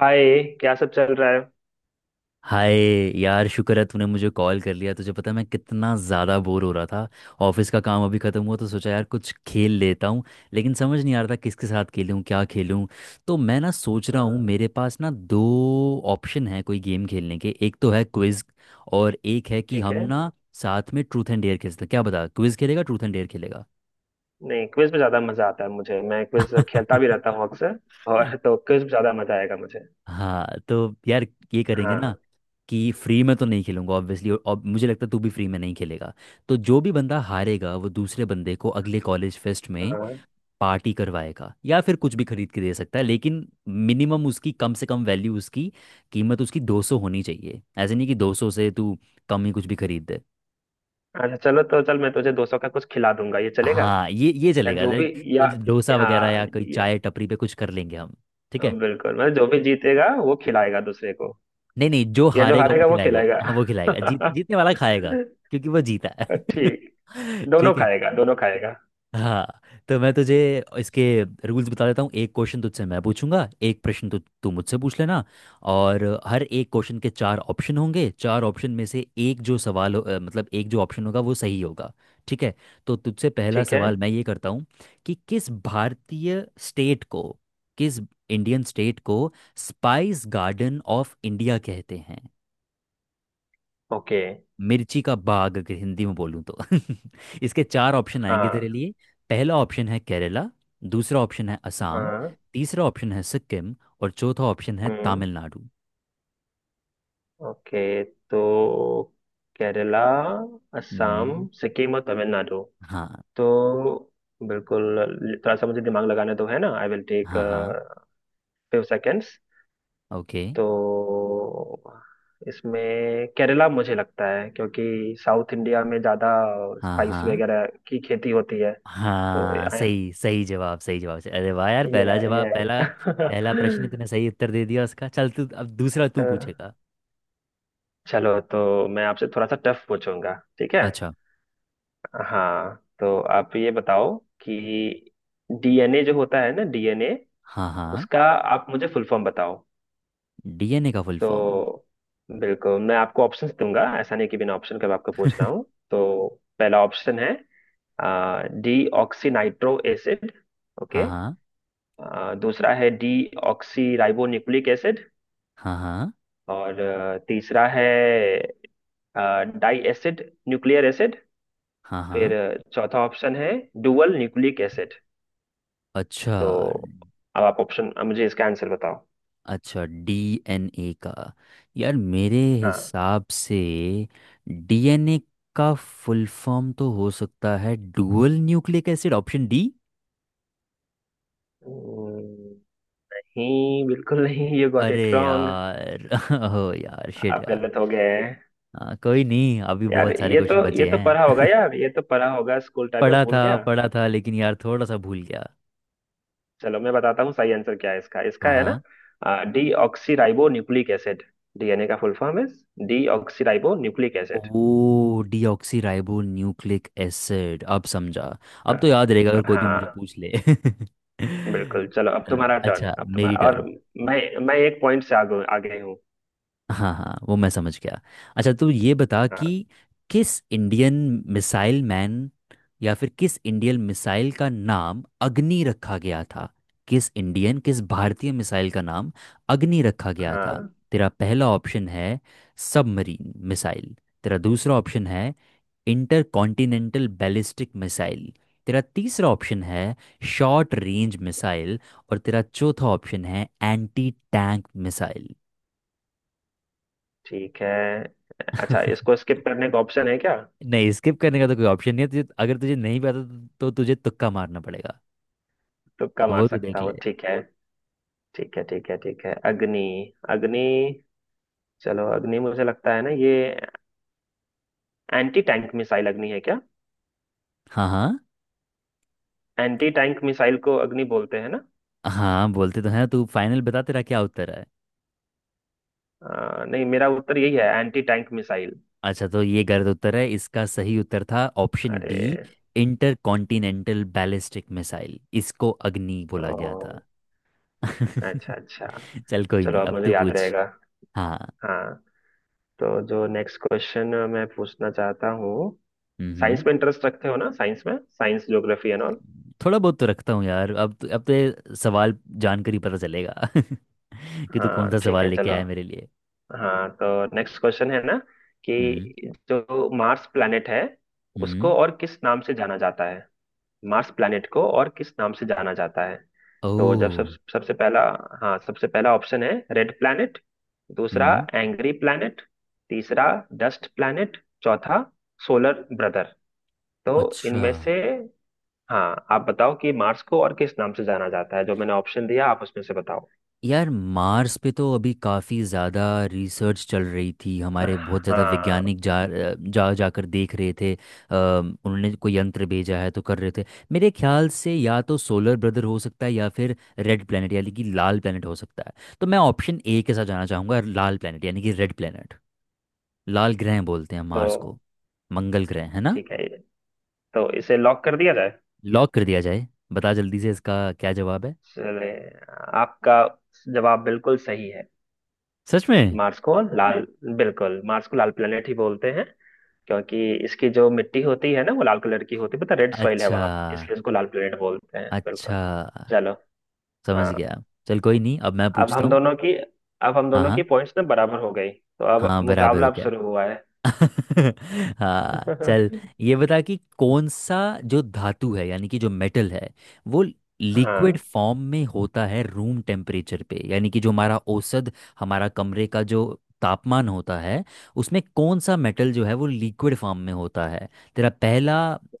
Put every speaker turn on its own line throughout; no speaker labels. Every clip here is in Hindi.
हाय, क्या सब चल रहा है।
हाय यार, शुक्र है तूने मुझे कॉल कर लिया। तुझे पता है मैं कितना ज़्यादा बोर हो रहा था। ऑफिस का काम अभी ख़त्म हुआ तो सोचा यार कुछ खेल लेता हूँ, लेकिन समझ नहीं आ रहा था किसके साथ खेलूँ, क्या खेलूँ। तो मैं ना सोच रहा हूँ
हाँ,
मेरे पास ना दो ऑप्शन है कोई गेम खेलने के। एक तो है क्विज़, और एक है कि
ठीक
हम
है।
ना साथ में ट्रूथ एंड डेयर खेलते हैं। क्या बता, क्विज़ खेलेगा ट्रूथ एंड डेयर खेलेगा।
नहीं, क्विज में ज्यादा मजा आता है मुझे, मैं क्विज खेलता भी रहता हूँ अक्सर। और तो क्विज में ज्यादा मजा आएगा मुझे।
हाँ तो यार, ये करेंगे ना
हाँ,
कि फ्री में तो नहीं खेलूंगा ऑब्वियसली, और मुझे लगता है तू भी फ्री में नहीं खेलेगा। तो जो भी बंदा हारेगा वो दूसरे बंदे को अगले कॉलेज फेस्ट में
हाँ,
पार्टी करवाएगा, या फिर कुछ भी खरीद के दे सकता है, लेकिन मिनिमम उसकी कम से कम वैल्यू, उसकी कीमत उसकी 200 होनी चाहिए। ऐसे नहीं कि 200 से तू कम ही कुछ भी खरीद दे।
अच्छा चलो, तो चल मैं तुझे दो सौ का कुछ खिला दूंगा, ये चलेगा।
हाँ, ये
या
चलेगा,
जो भी,
लाइक
या
कुछ डोसा वगैरह
हाँ,
या कोई
ये
चाय टपरी पे कुछ कर लेंगे हम। ठीक है।
बिल्कुल, मतलब जो भी जीतेगा वो खिलाएगा दूसरे को।
नहीं नहीं, जो
या जो
हारेगा वो
हारेगा वो
खिलाएगा,
खिलाएगा।
हाँ वो खिलाएगा, जीतने वाला खाएगा क्योंकि वो जीता है।
ठीक। दोनों
ठीक है।
खाएगा, दोनों खाएगा।
हाँ तो मैं तुझे इसके रूल्स बता देता हूँ। एक क्वेश्चन तुझसे मैं पूछूंगा, एक प्रश्न तू मुझसे पूछ लेना। और हर एक क्वेश्चन के चार ऑप्शन होंगे। चार ऑप्शन में से एक जो सवाल मतलब एक जो ऑप्शन होगा वो सही होगा। ठीक है। तो तुझसे पहला
ठीक है।
सवाल मैं ये करता हूँ कि किस भारतीय स्टेट को, किस इंडियन स्टेट को स्पाइस गार्डन ऑफ इंडिया कहते हैं।
ओके।
मिर्ची का बाग अगर हिंदी में बोलूँ तो। इसके चार ऑप्शन आएंगे तेरे
हाँ,
लिए। पहला ऑप्शन है केरला, दूसरा ऑप्शन है असम,
हाँ।
तीसरा ऑप्शन है सिक्किम, और चौथा ऑप्शन है
हम्म।
तमिलनाडु।
ओके। तो केरला, असम,
हम्म।
सिक्किम और तमिलनाडु।
हाँ
तो बिल्कुल, थोड़ा सा मुझे दिमाग लगाना तो है ना, आई विल टेक
हाँ। हाँ।
Few seconds.
ओके।
तो इसमें केरला मुझे लगता है, क्योंकि साउथ इंडिया में ज़्यादा
हाँ
स्पाइस
हाँ,
वगैरह की खेती होती है। तो
हाँ
ये
सही, सही जवाब, सही जवाब। अरे वाह यार, पहला जवाब,
ये
पहला पहला प्रश्न तूने सही उत्तर दे दिया उसका। चल, तू अब दूसरा तू पूछेगा।
चलो, तो मैं आपसे थोड़ा सा टफ पूछूंगा, ठीक है।
अच्छा।
हाँ, तो आप ये बताओ कि डीएनए जो होता है ना, डीएनए,
हाँ हाँ।
उसका आप मुझे फुल फॉर्म बताओ।
डीएनए का फुल फॉर्म।
तो बिल्कुल मैं आपको ऑप्शंस दूंगा, ऐसा नहीं कि बिना ऑप्शन के मैं आपको पूछ रहा हूँ। तो पहला ऑप्शन है डी ऑक्सी नाइट्रो एसिड।
हाँ
ओके।
हाँ
दूसरा है D oxy ribo nucleic acid.
हाँ। हाँ।
और तीसरा है डाई एसिड न्यूक्लियर एसिड।
हाँ
फिर
हाँ।
चौथा ऑप्शन है डुअल न्यूक्लिक एसिड।
अच्छा।
तो अब आप ऑप्शन मुझे इसका आंसर बताओ।
अच्छा, डीएनए का। यार मेरे
हाँ।
हिसाब से डीएनए का फुल फॉर्म तो हो सकता है dual nucleic acid, option D.
हम्म, नहीं बिल्कुल नहीं, यू गॉट
अरे
इट रॉन्ग।
यार। ओ यार शिट
आप
यार।
गलत हो गए हैं।
हाँ कोई नहीं, अभी
यार
बहुत सारे
ये तो,
क्वेश्चन
ये
बचे
तो पढ़ा होगा
हैं।
यार, ये तो पढ़ा होगा, स्कूल टाइम में
पढ़ा
भूल
था,
गया।
पढ़ा था लेकिन यार थोड़ा सा भूल गया।
चलो, मैं बताता हूँ सही आंसर क्या है इसका। इसका है
हाँ।
ना D oxy ribo nucleic acid. DNA का फुल फॉर्म है डी ऑक्सी राइबो न्यूक्लिक
ओ,
acid.
Deoxy ribo nucleic acid, अब समझा। अब तो याद रहेगा अगर कोई भी मुझे
हाँ,
पूछ ले।
बिल्कुल। चलो, अब तुम्हारा टर्न,
अच्छा,
अब
मेरी
तुम्हारा। और
टर्न।
मैं मैं एक पॉइंट से आगे आगे हूँ।
हाँ हाँ, वो मैं समझ गया। अच्छा तू ये बता कि
हाँ,
किस इंडियन मिसाइल मैन, या फिर किस इंडियन मिसाइल का नाम अग्नि रखा गया था। किस इंडियन, किस भारतीय मिसाइल का नाम अग्नि रखा गया था।
हाँ।
तेरा पहला ऑप्शन है सबमरीन मिसाइल, तेरा दूसरा ऑप्शन है इंटर कॉन्टिनेंटल बैलिस्टिक मिसाइल, तेरा तीसरा ऑप्शन है शॉर्ट रेंज मिसाइल, और तेरा चौथा ऑप्शन है एंटी टैंक मिसाइल।
ठीक है। अच्छा, इसको स्किप करने का ऑप्शन है क्या।
नहीं, स्किप करने का तो कोई ऑप्शन नहीं है। तुझे अगर तुझे नहीं पता तो तुझे तुक्का मारना पड़ेगा।
तुक्का
अब
मार
वो तो
सकता
देख
हूँ,
ले।
ठीक है। ठीक है, ठीक है, ठीक है। अग्नि, अग्नि। चलो, अग्नि मुझे लगता है ना, ये एंटी टैंक मिसाइल अग्नि है क्या।
हाँ हाँ।
एंटी टैंक मिसाइल को अग्नि बोलते हैं ना।
हाँ, बोलते तो हैं। तू फाइनल बता तेरा क्या उत्तर है।
नहीं, मेरा उत्तर यही है, एंटी टैंक मिसाइल।
अच्छा, तो ये गलत उत्तर है। इसका सही उत्तर था ऑप्शन बी,
अरे।
इंटरकॉन्टिनेंटल बैलिस्टिक मिसाइल, इसको अग्नि बोला गया था।
ओ। अच्छा, अच्छा।
चल कोई नहीं,
चलो, अब
अब
मुझे
तू
याद
पूछ।
रहेगा।
हाँ।
हाँ, तो जो नेक्स्ट क्वेश्चन मैं पूछना चाहता हूँ, साइंस
हम्म।
में इंटरेस्ट रखते हो ना, साइंस में, साइंस ज्योग्राफी एंड ऑल।
थोड़ा बहुत तो रखता हूँ यार। अब तो ये सवाल जानकर ही पता चलेगा कि तू कौन
हाँ,
सा
ठीक
सवाल
है,
लेके
चलो।
आया है मेरे लिए।
हाँ, तो नेक्स्ट क्वेश्चन है ना
हम्म।
कि जो मार्स प्लैनेट है, उसको
हम्म।
और किस नाम से जाना जाता है। मार्स प्लैनेट को और किस नाम से जाना जाता है। तो जब सब,
ओ।
सबसे पहला, हाँ, सबसे पहला ऑप्शन है रेड प्लैनेट। दूसरा
हम्म।
Angry planet. तीसरा डस्ट प्लैनेट। चौथा सोलर ब्रदर। तो
अच्छा।
इनमें से, हाँ, आप बताओ कि मार्स को और किस नाम से जाना जाता है, जो मैंने ऑप्शन दिया आप उसमें से बताओ।
यार मार्स पे तो अभी काफ़ी ज़्यादा रिसर्च चल रही थी। हमारे बहुत ज़्यादा
हाँ।
वैज्ञानिक जा जा जाकर देख रहे थे, उन्होंने कोई यंत्र भेजा है तो कर रहे थे। मेरे ख्याल से या तो सोलर ब्रदर हो सकता है, या फिर रेड प्लैनेट, यानी कि लाल प्लैनेट हो सकता है। तो मैं ऑप्शन ए के साथ जाना चाहूँगा, लाल प्लैनेट, यानी कि रेड प्लैनेट। लाल ग्रह बोलते हैं
तो
मार्स को। मंगल ग्रह है ना।
ठीक है, तो इसे लॉक कर दिया जाए।
लॉक कर दिया जाए। बता जल्दी से इसका क्या जवाब है।
चले, आपका जवाब बिल्कुल सही है।
सच में?
मार्स को लाल, बिल्कुल मार्स को लाल प्लेनेट ही बोलते हैं, क्योंकि इसकी जो मिट्टी होती है ना वो लाल कलर की होती है, पता, रेड सॉइल है
अच्छा
वहां, इसलिए इसको लाल प्लेनेट बोलते हैं,
अच्छा,
बिल्कुल। चलो।
समझ
हाँ।
गया। चल कोई नहीं, अब मैं
अब
पूछता
हम
हूँ।
दोनों की अब हम
हाँ
दोनों की
हाँ,
पॉइंट्स ना बराबर हो गई, तो अब
हाँ बराबर
मुकाबला
हो
अब
गया।
शुरू हुआ है।
हाँ चल। ये बता कि कौन सा जो धातु है, यानी कि जो मेटल है, वो लिक्विड
हाँ,
फॉर्म में होता है रूम टेम्परेचर पे, यानी कि जो हमारा औसत, हमारा कमरे का जो तापमान होता है, उसमें कौन सा मेटल जो है वो लिक्विड फॉर्म में होता है। तेरा पहला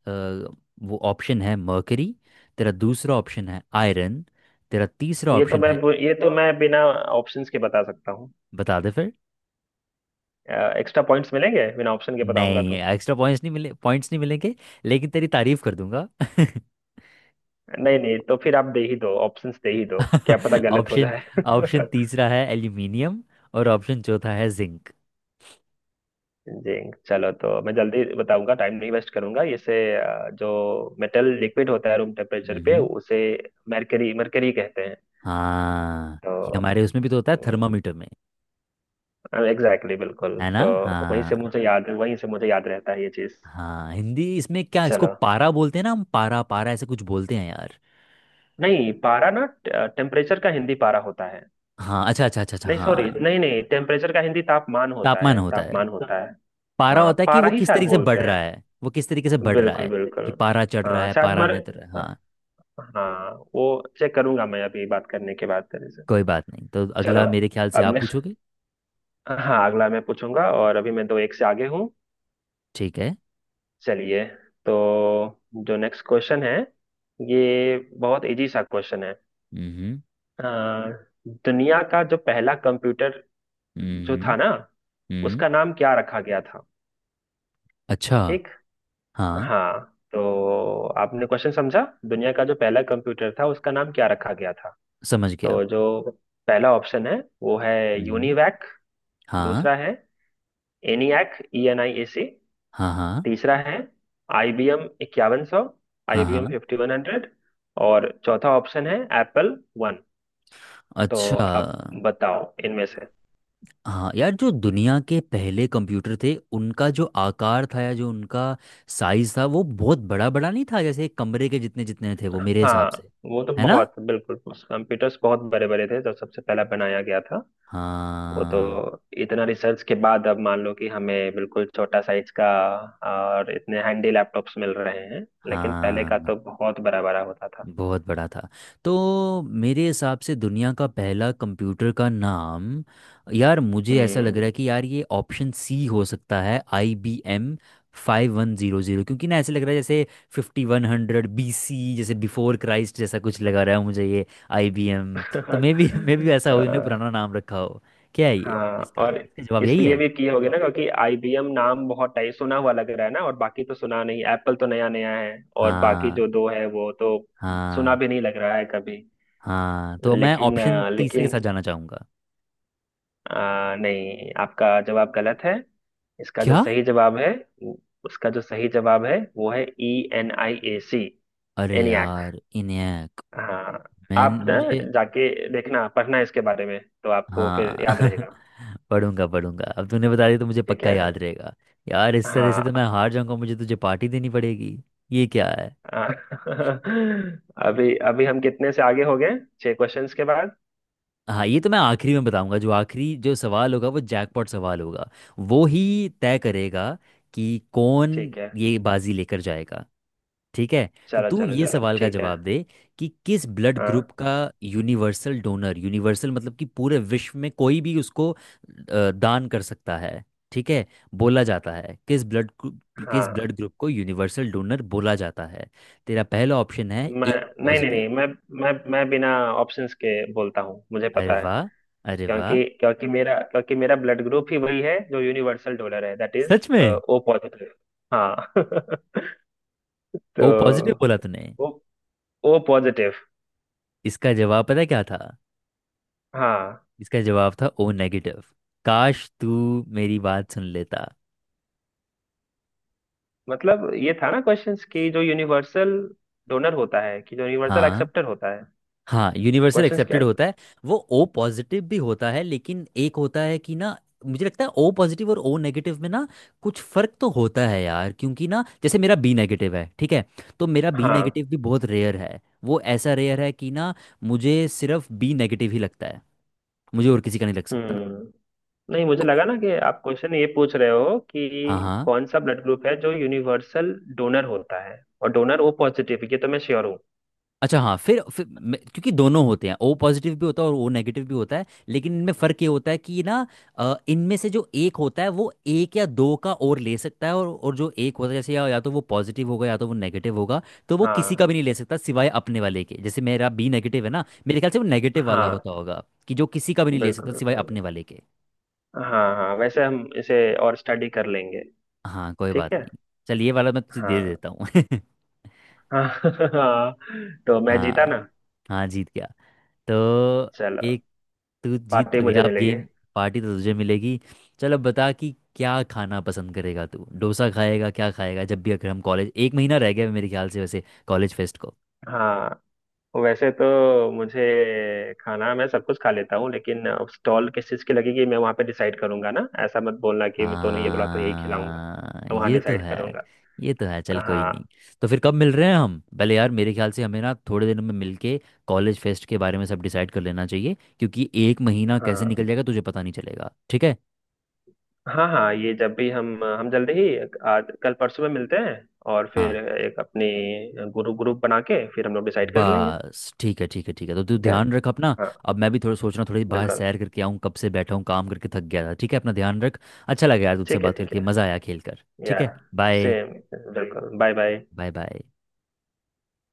वो ऑप्शन है मर्करी, तेरा दूसरा ऑप्शन है आयरन, तेरा तीसरा
ये तो
ऑप्शन
मैं
है।
ये तो मैं बिना ऑप्शंस के बता सकता हूँ।
बता दे फिर।
एक्स्ट्रा पॉइंट्स मिलेंगे बिना ऑप्शन के बताऊंगा
नहीं,
तो।
एक्स्ट्रा पॉइंट्स नहीं मिले, पॉइंट्स नहीं मिलेंगे, लेकिन तेरी तारीफ कर दूंगा।
नहीं नहीं, तो फिर आप दे ही दो, ऑप्शंस दे ही दो, क्या पता गलत हो
ऑप्शन,
जाए।
ऑप्शन तीसरा है एल्यूमिनियम, और ऑप्शन चौथा है जिंक।
जी। चलो, तो मैं जल्दी बताऊंगा, टाइम नहीं वेस्ट करूंगा इसे। जो मेटल लिक्विड होता है रूम टेम्परेचर पे
हम्म।
उसे मरकरी मरकरी कहते हैं।
हाँ, ये
तो
हमारे उसमें भी तो होता है, थर्मामीटर में।
एग्जैक्टली, exactly, बिल्कुल।
है ना।
तो
हाँ।
वहीं से मुझे याद रहता है ये चीज।
हाँ हिंदी इसमें क्या, इसको
चलो।
पारा बोलते हैं ना हम। पारा पारा ऐसे कुछ बोलते हैं यार।
नहीं, पारा ना, टेम्परेचर का हिंदी पारा होता है।
हाँ अच्छा अच्छा अच्छा अच्छा,
नहीं
हाँ।
सॉरी, नहीं नहीं, टेम्परेचर का हिंदी तापमान होता
तापमान
है,
होता है,
तापमान होता है।
पारा
हाँ,
होता है कि
पारा
वो
ही
किस
शायद
तरीके से
बोलते
बढ़ रहा
हैं,
है, वो किस तरीके से बढ़ रहा
बिल्कुल,
है,
बिल्कुल।
कि पारा चढ़ रहा
हाँ,
है,
शायद। तो
पारा
मर
नहीं उतर रहा है। हाँ
हाँ वो चेक करूंगा मैं अभी बात करने के बाद तेरे से।
कोई बात नहीं, तो
चलो,
अगला मेरे ख्याल से
अब
आप
नेक्स्ट,
पूछोगे।
हाँ अगला मैं पूछूंगा, और अभी मैं दो एक से आगे हूँ।
ठीक है।
चलिए। तो जो नेक्स्ट क्वेश्चन है, ये बहुत इजी सा क्वेश्चन है।
हम्म।
आ, दुनिया का जो पहला कंप्यूटर जो था
हम्म।
ना,
हम्म।
उसका नाम क्या रखा गया था।
अच्छा।
ठीक।
हाँ,
हाँ, तो आपने क्वेश्चन समझा। दुनिया का जो पहला कंप्यूटर था, उसका नाम क्या रखा गया था।
समझ गया।
तो जो पहला ऑप्शन है वो है
हम्म।
यूनिवैक।
हाँ
दूसरा है ENIAC, E N I A C.
हाँ। हाँ।
तीसरा है IBM इक्यावन सौ,
हाँ।
IBM
हाँ।
Fifty one hundred. और चौथा ऑप्शन है एप्पल वन। तो
अच्छा।
आप बताओ इनमें से।
हाँ यार, जो दुनिया के पहले कंप्यूटर थे उनका जो आकार था, या जो उनका साइज था वो बहुत बड़ा बड़ा नहीं था, जैसे एक कमरे के जितने जितने थे वो मेरे हिसाब
हाँ,
से,
वो तो
है ना।
बहुत, बिल्कुल कंप्यूटर्स बहुत बड़े बड़े थे जब सबसे पहला बनाया गया था। वो तो
हाँ
इतना रिसर्च के बाद अब मान लो कि हमें बिल्कुल छोटा साइज का और इतने हैंडी लैपटॉप्स मिल रहे हैं, लेकिन पहले का
हाँ,
तो बहुत बड़ा बड़ा होता था।
बहुत बड़ा था। तो मेरे हिसाब से दुनिया का पहला कंप्यूटर का नाम, यार मुझे ऐसा लग
हम्म।
रहा है कि यार ये ऑप्शन सी हो सकता है, I B M five one zero zero, क्योंकि ना ऐसे लग रहा है जैसे fifty one hundred B C जैसे बिफोर क्राइस्ट जैसा कुछ लगा रहा है मुझे ये, आई बी एम। तो मे बी ऐसा हो इन्होंने
अ,
पुराना नाम रखा हो। क्या है ये,
हाँ,
इसका
और
इसका जवाब यही
इसलिए
है?
भी किए होगे ना, क्योंकि आईबीएम नाम बहुत टाइप सुना हुआ लग रहा है ना, और बाकी तो सुना नहीं, एप्पल तो नया नया है। और बाकी
हाँ
जो दो है वो तो सुना
हाँ।
भी नहीं लग रहा है कभी।
हाँ तो मैं ऑप्शन तीसरे के
लेकिन
साथ जाना चाहूँगा।
नहीं, आपका जवाब गलत है। इसका जो
क्या?
सही जवाब है, उ- उसका जो सही जवाब है वो है E N I A C,
अरे
एनियाक।
यार, इन्हें,
हाँ,
मैं,
आप ना
मुझे।
जाके देखना, पढ़ना इसके बारे में, तो आपको फिर
हाँ।
याद रहेगा।
पढ़ूंगा पढ़ूंगा, अब तूने बता दिया तो मुझे
ठीक
पक्का
है।
याद रहेगा। यार इस तरह से तो
हाँ।
मैं हार जाऊंगा, मुझे तुझे पार्टी देनी पड़ेगी। ये क्या है।
हाँ। अभी अभी हम कितने से आगे हो गए छह क्वेश्चंस के बाद।
हाँ ये तो मैं आखिरी में बताऊंगा, जो आखिरी जो सवाल होगा वो जैकपॉट सवाल होगा, वो ही तय करेगा कि कौन
ठीक है।
ये बाजी लेकर जाएगा। ठीक है। तो
चलो
तू
चलो
ये
चलो,
सवाल का
ठीक है।
जवाब दे कि किस ब्लड
हाँ।
ग्रुप का यूनिवर्सल डोनर, यूनिवर्सल मतलब कि पूरे विश्व में कोई भी उसको दान कर सकता है, ठीक है, बोला जाता है, किस ब्लड किस
हाँ।
ब्लड ग्रुप को यूनिवर्सल डोनर बोला जाता है। तेरा पहला ऑप्शन है
मैं
ए
नहीं नहीं
पॉजिटिव।
नहीं मैं मैं बिना ऑप्शंस के बोलता हूँ, मुझे
अरे
पता है।
वाह, अरे वाह।
क्योंकि क्योंकि मेरा ब्लड ग्रुप ही वही है जो यूनिवर्सल डोनर है, दैट इज
सच में?
O positive. हाँ। तो
ओ पॉजिटिव बोला तूने।
ओ ओ पॉजिटिव।
इसका जवाब पता है क्या था?
हाँ।
इसका जवाब था ओ नेगेटिव। काश तू मेरी बात सुन लेता।
मतलब ये था ना क्वेश्चंस कि जो यूनिवर्सल डोनर होता है कि जो यूनिवर्सल
हाँ
एक्सेप्टर होता है।
हाँ, यूनिवर्सल
क्वेश्चंस क्या
एक्सेप्टेड
थे?
होता है। वो ओ पॉजिटिव भी होता है, लेकिन एक होता है कि ना, मुझे लगता है ओ पॉजिटिव और ओ नेगेटिव में ना कुछ फर्क तो होता है यार, क्योंकि ना जैसे मेरा बी नेगेटिव है, ठीक है। तो मेरा बी
हाँ।
नेगेटिव भी बहुत रेयर है, वो ऐसा रेयर है कि ना मुझे सिर्फ बी नेगेटिव ही लगता है, मुझे और किसी का नहीं लग सकता।
हम्म। नहीं, मुझे
तो।
लगा ना कि आप क्वेश्चन ये पूछ रहे हो
हाँ
कि
हाँ।
कौन सा ब्लड ग्रुप है जो यूनिवर्सल डोनर होता है। और डोनर ओ पॉजिटिव, ये तो मैं श्योर हूँ।
अच्छा हाँ, फिर क्योंकि दोनों होते हैं, ओ पॉजिटिव भी होता है और ओ नेगेटिव भी होता है, लेकिन इनमें फ़र्क ये होता है कि ना, इनमें से जो एक होता है वो एक या दो का और ले सकता है, और जो एक होता है जैसे, या तो वो पॉजिटिव होगा या तो वो नेगेटिव होगा, तो वो किसी
हाँ,
का भी नहीं ले सकता सिवाय अपने वाले के। जैसे मेरा बी नेगेटिव है ना, मेरे ख्याल से वो नेगेटिव वाला
हाँ,
होता होगा कि जो किसी का भी नहीं ले
बिल्कुल,
सकता
बिल्कुल।
सिवाय अपने वाले के।
हाँ हाँ, वैसे हम इसे और स्टडी कर लेंगे।
हाँ कोई
ठीक
बात
है।
नहीं। चलिए ये वाला मैं तुझे दे
हाँ।
देता हूँ।
हाँ। हाँ, तो मैं जीता
हाँ,
ना।
हाँ जीत गया। तो
चलो,
एक, तू जीत
पार्टी
तो गया
मुझे
अब
मिलेगी।
गेम। पार्टी तो तुझे मिलेगी। चलो बता कि क्या खाना पसंद करेगा, तू डोसा खाएगा, क्या खाएगा जब भी, अगर हम कॉलेज, एक महीना रह गया है मेरे ख्याल से वैसे कॉलेज फेस्ट को।
हाँ, वैसे तो मुझे, खाना मैं सब कुछ खा लेता हूँ, लेकिन स्टॉल किस चीज़ की लगेगी मैं वहाँ पे डिसाइड करूंगा ना, ऐसा मत बोलना कि मैं तो नहीं ये बोला तो यही खिलाऊंगा।
हाँ
तो वहाँ
ये तो
डिसाइड
है,
करूंगा।
ये तो है, चल कोई
हाँ।
नहीं। तो फिर कब मिल रहे हैं हम पहले, यार मेरे ख्याल से हमें ना थोड़े दिनों में मिलके कॉलेज फेस्ट के बारे में सब डिसाइड कर लेना चाहिए, क्योंकि एक महीना कैसे
हाँ।
निकल जाएगा तुझे पता नहीं चलेगा। ठीक है।
हाँ। हाँ, ये जब भी हम जल्दी ही आज कल परसों में मिलते हैं, और फिर
हाँ।
एक अपनी ग्रुप ग्रुप बना के फिर हम लोग डिसाइड कर लेंगे।
बस, ठीक है ठीक है ठीक है। तो तू
ठीक है।
ध्यान रख अपना।
हाँ,
अब मैं भी थोड़ा सोच रहा हूँ थोड़ी बाहर
बिल्कुल।
सैर करके आऊँ, कब से बैठा हूँ काम करके थक गया था। ठीक है, अपना ध्यान रख। अच्छा लगा यार तुझसे
ठीक है,
बात
ठीक
करके,
है।
मज़ा आया खेल कर। ठीक
या
है, बाय
सेम, बिल्कुल, बाय बाय।
बाय। बाय।